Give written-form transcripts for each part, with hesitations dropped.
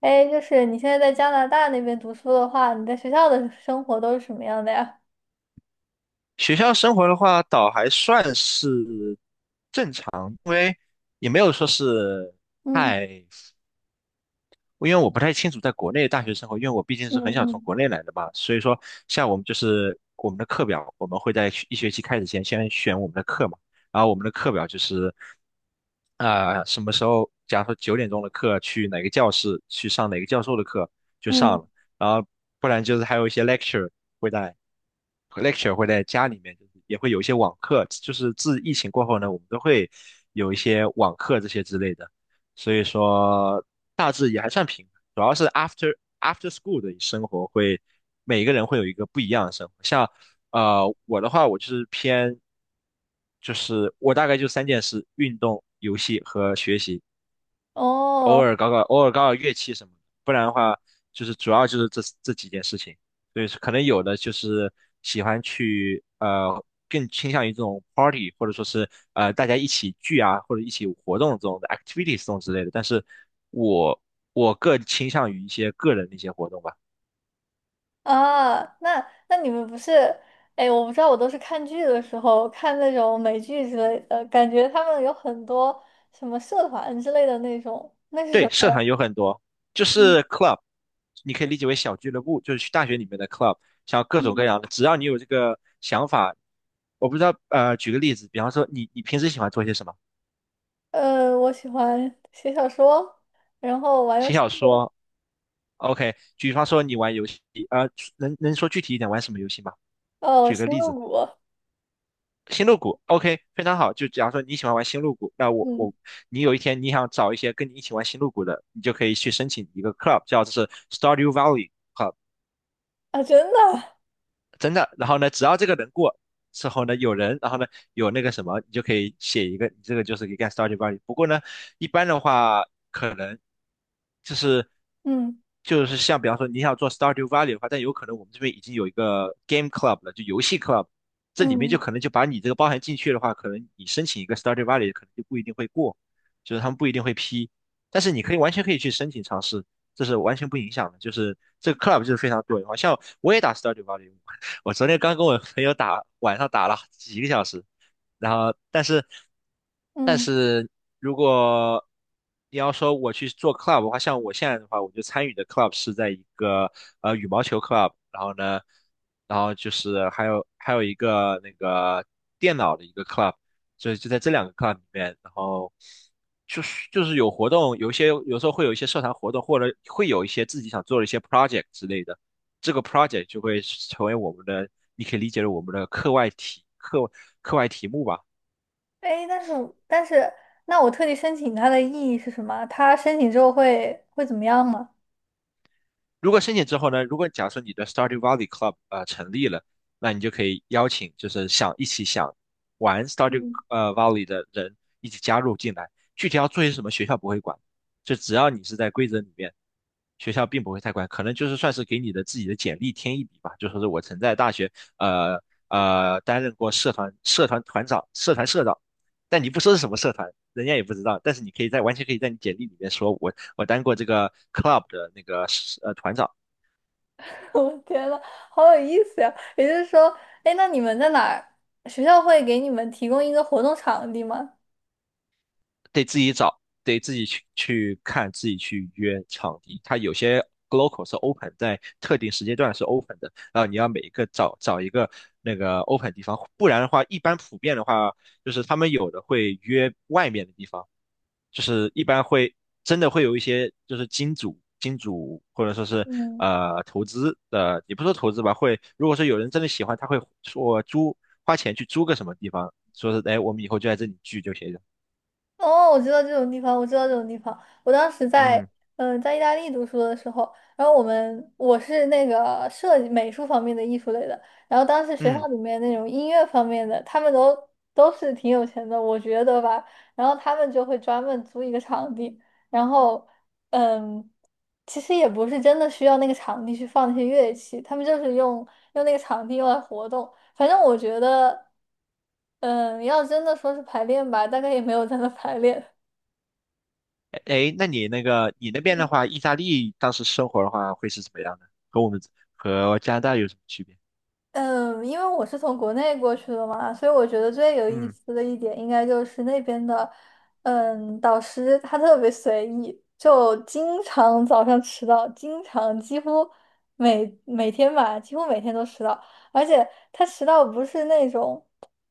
哎，就是你现在在加拿大那边读书的话，你在学校的生活都是什么样的呀？学校生活的话，倒还算是，也没有说是嗯太。因为我不太清楚在国内大学生活，因为我毕竟是很想从嗯国内来的嘛，所以说像我们就是我们的课表，我们会在学一学期开始前先选我们的课嘛，然后我们的课表就是啊、什么时候，假如说九点钟的课去哪个教室去上哪个教授的课就嗯，上嗯，了，然后不然就是还有一些 lecture 会在， lecture 会在家里面，就是也会有一些网课，就是自疫情过后呢，我们都会有一些网课这些之类的。所以说大致也还算平衡，主要是 after school 的生活会，每个人会有一个不一样的生活。像我的话，我就是偏，就是我大概就三件事：运动、游戏和学习。偶哦，尔搞搞乐器什么的，不然的话就是主要就是这几件事情。对，可能有的就是喜欢去更倾向于这种 party，或者说是大家一起聚啊，或者一起活动这种的 activities 这种之类的。但是我我更倾向于一些个人的一些活动吧。啊，那你们不是，哎，我不知道，我都是看剧的时候看那种美剧之类的，感觉他们有很多什么社团之类的那种，那是对，什么社呀团有很多，就嗯，是 club，你可以理解为小俱乐部，就是去大学里面的 club，像各种各嗯样的，只要你有这个想法，我不知道，举个例子，比方说你平时喜欢做些什么？我喜欢写小说，然后玩游写戏，小说，OK。比方说你玩游戏，呃，能说具体一点玩什么游戏吗？哦，举个星例露子，谷，星露谷，OK，非常好。就假如说你喜欢玩星露谷，那我嗯，我你有一天你想找一些跟你一起玩星露谷的，你就可以去申请一个 club，叫做是 Stardew Valley club。啊，真的，真的。然后呢，只要这个人过之后呢，有人，然后呢有那个什么，你就可以写一个，你这个就是一个 study value。不过呢，一般的话可能就是嗯像比方说你想做 s t a r d e v a l u e 的话，但有可能我们这边已经有一个 Game Club 了，就游戏 Club,这里面就嗯可能就把你这个包含进去的话，可能你申请一个 s t a r d e v a l u e 可能就不一定会过，就是他们不一定会批，但是你可以完全可以去申请尝试。这是完全不影响的，就是这个 club 就是非常多元化。像我也打 Stardew v a l u e， 我昨天刚跟我朋友打，晚上打了几个小时，然后但嗯。是如果你要说我去做 club 的话，像我现在的话，我就参与的 club 是在一个羽毛球 club，然后呢，然后就是还有一个那个电脑的一个 club，所以就在这两个 club 里面，然后就是有活动，有一些有时候会有一些社团活动，或者会有一些自己想做的一些 project 之类的。这个 project 就会成为我们的，你可以理解为我们的课外题目吧。哎，但是，那我特地申请它的意义是什么？它申请之后会怎么样吗？如果申请之后呢，如果假设你的 s t u d y Valley Club 成立了，那你就可以邀请就是想一起想玩 s t u d y 嗯，Valley 的人一起加入进来。具体要做些什么，学校不会管，就只要你是在规则里面，学校并不会太管，可能就是算是给你的自己的简历添一笔吧，就说是我曾在大学担任过社团团长、社团社长，但你不说是什么社团，人家也不知道，但是你可以在完全可以在你简历里面说我当过这个 club 的那个团长，我天呐，好有意思呀！也就是说，哎，那你们在哪儿？学校会给你们提供一个活动场地吗？得自己找，得自己去看，自己去约场地。它有些 local 是 open，在特定时间段是 open 的，然后你要每一个找一个那个 open 地方，不然的话，一般普遍的话，就是他们有的会约外面的地方。就是一般会真的会有一些就是金主或者说是嗯。投资的，也不说投资吧，会如果说有人真的喜欢，他会说租，花钱去租个什么地方，说是哎，我们以后就在这里聚就行了。哦，我知道这种地方，我知道这种地方。我当时在，嗯，在意大利读书的时候，然后我是那个设计美术方面的艺术类的，然后当时学校嗯，里面那种音乐方面的，他们都是挺有钱的，我觉得吧。然后他们就会专门租一个场地，然后，嗯，其实也不是真的需要那个场地去放那些乐器，他们就是用那个场地用来活动。反正我觉得，要真的说是排练吧，大概也没有在那排练，哎，诶，那你那个你那边的话，意大利当时生活的话会是怎么样的？和我们和加拿大有什么区别？嗯，因为我是从国内过去的嘛，所以我觉得最有意嗯，思的一点，应该就是那边的，导师他特别随意，就经常早上迟到，经常几乎每天吧，几乎每天都迟到，而且他迟到不是那种，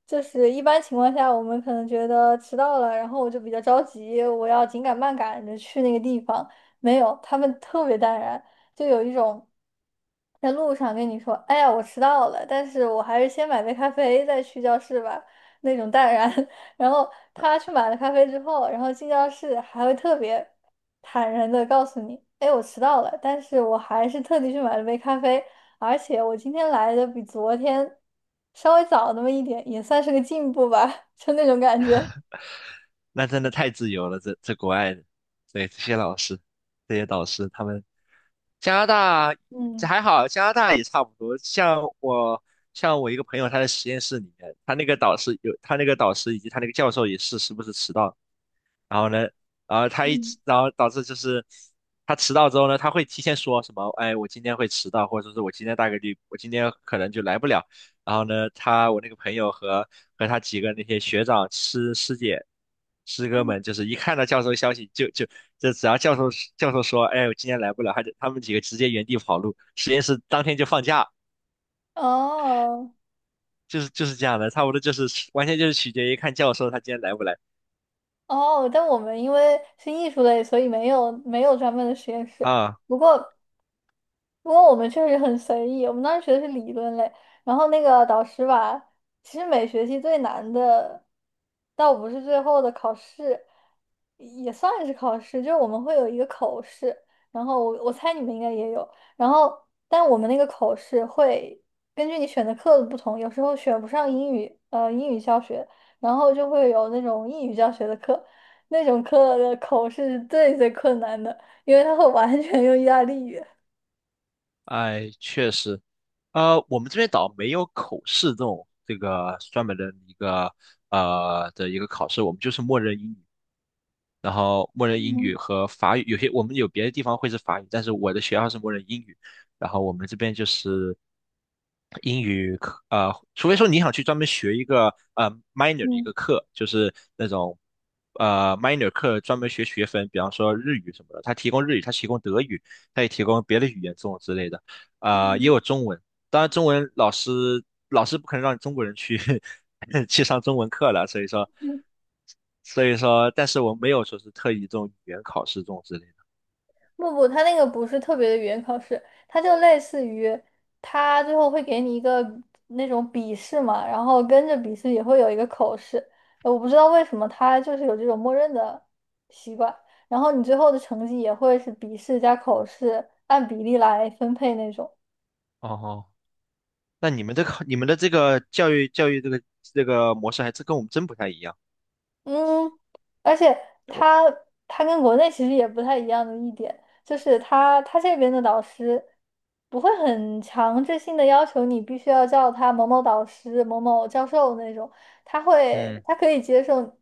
就是一般情况下我们可能觉得迟到了，然后我就比较着急，我要紧赶慢赶着去那个地方，没有，他们特别淡然。就有一种在路上跟你说：“哎呀，我迟到了，但是我还是先买杯咖啡再去教室吧。”那种淡然。然后他去买了咖啡之后，然后进教室还会特别坦然的告诉你：“哎，我迟到了，但是我还是特地去买了杯咖啡，而且我今天来的比昨天稍微早那么一点，也算是个进步吧。”就那种感觉。那真的太自由了，这这国外的，对这些老师，这些导师他们。加拿大这嗯还好，加拿大也差不多。像我，像我一个朋友，他在实验室里面，他那个导师有，他那个导师以及他那个教授也是时不时迟到，然后呢，然后他一嗯迟，然后导致就是他迟到之后呢，他会提前说什么，哎，我今天会迟到，或者说是我今天大概率，我今天可能就来不了。然后呢，我那个朋友和他几个那些学长、师姐、师哥嗯，们，就是一看到教授消息就，就只要教授说，哎，我今天来不了，他们几个直接原地跑路，实验室当天就放假，哦。就是这样的，差不多就是完全就是取决于看教授他今天来不来哦，但我们因为是艺术类，所以没有专门的实验室。啊。不过，不过，我们确实很随意，我们当时学的是理论类，然后那个导师吧，其实每学期最难的，倒不是最后的考试，也算是考试，就是我们会有一个口试，然后我猜你们应该也有，然后但我们那个口试会根据你选的课的不同，有时候选不上英语，英语教学，然后就会有那种英语教学的课，那种课的口试是最最困难的，因为它会完全用意大利语。哎，确实，呃，我们这边倒没有口试这种这个专门的一个一个考试，我们就是默认英语，然后默认英语嗯，和法语，有些我们有别的地方会是法语，但是我的学校是默认英语，然后我们这边就是英语课，除非说你想去专门学一个minor 的一嗯个课，就是那种minor 课专门学学分，比方说日语什么的，他提供日语，他提供德语，他也提供别的语言这种之类的，呃，也嗯有中文。当然，中文老师老师不可能让中国人去 去上中文课了，所以说，嗯，所以说，但是我没有说是特意这种语言考试这种之类的。不不，他那个不是特别的语言考试，他就类似于他最后会给你一个那种笔试嘛，然后跟着笔试也会有一个口试。我不知道为什么他就是有这种默认的习惯，然后你最后的成绩也会是笔试加口试按比例来分配那种。哦，那你们的这个教育这个模式还真跟我们真不太一样。嗯，而且我他他跟国内其实也不太一样的一点，就是他这边的导师不会很强制性的要求你必须要叫他某某导师、某某教授那种，嗯，他可以接受，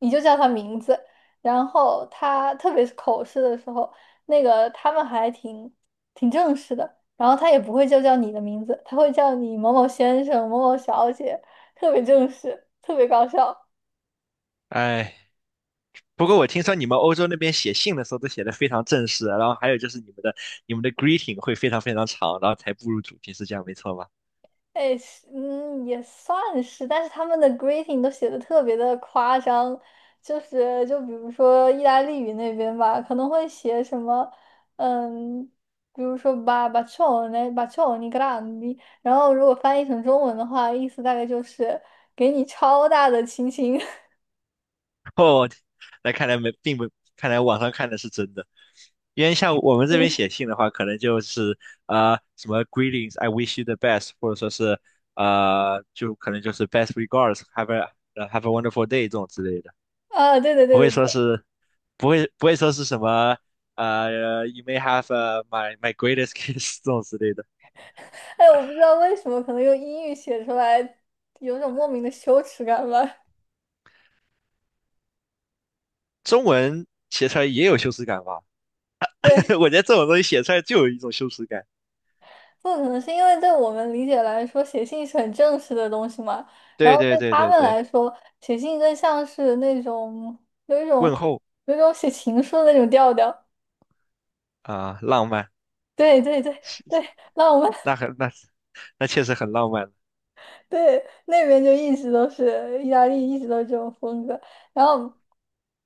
你就叫他名字。然后他特别是口试的时候，那个他们还挺正式的，然后他也不会就叫你的名字，他会叫你某某先生、某某小姐，特别正式，特别搞笑。哎，不过我听说你们欧洲那边写信的时候都写的非常正式，然后还有就是你们的 greeting 会非常非常长，然后才步入主题，是这样没错吧？哎，是嗯，也算是，但是他们的 greeting 都写的特别的夸张，就是就比如说意大利语那边吧，可能会写什么，嗯，比如说 bacione bacioni grandi，然后如果翻译成中文的话，意思大概就是给你超大的亲亲。哦，那看来没并不，看来网上看的是真的，因为像我们这边嗯，写信的话，可能就是什么 greetings，I wish you the best，或者说是可能就是 best regards， have a wonderful day 这种之类的。啊，对对对不对会对，说是，不会说是什么，呃，you may have u my greatest kiss 这种之类的。哎，我不知道为什么，可能用英语写出来有种莫名的羞耻感吧。中文写出来也有羞耻感吧？对。我觉得这种东西写出来就有一种羞耻感。不可能是因为对我们理解来说，写信是很正式的东西嘛，然对后对对对他对们对，来说，写信更像是那种有一问种候、写情书的那种调调。啊、浪漫，对对对对，那我们 那很那那确实很浪漫，对那边就一直都是意大利，一直都是这种风格。然后，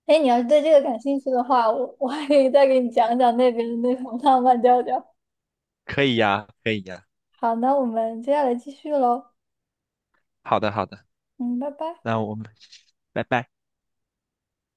哎，你要是对这个感兴趣的话，我 我还可以再给你讲讲那边的那种浪漫调调。可以呀，可以呀。好，那我们接下来继续喽。好的好的，嗯，拜拜。那我们拜拜。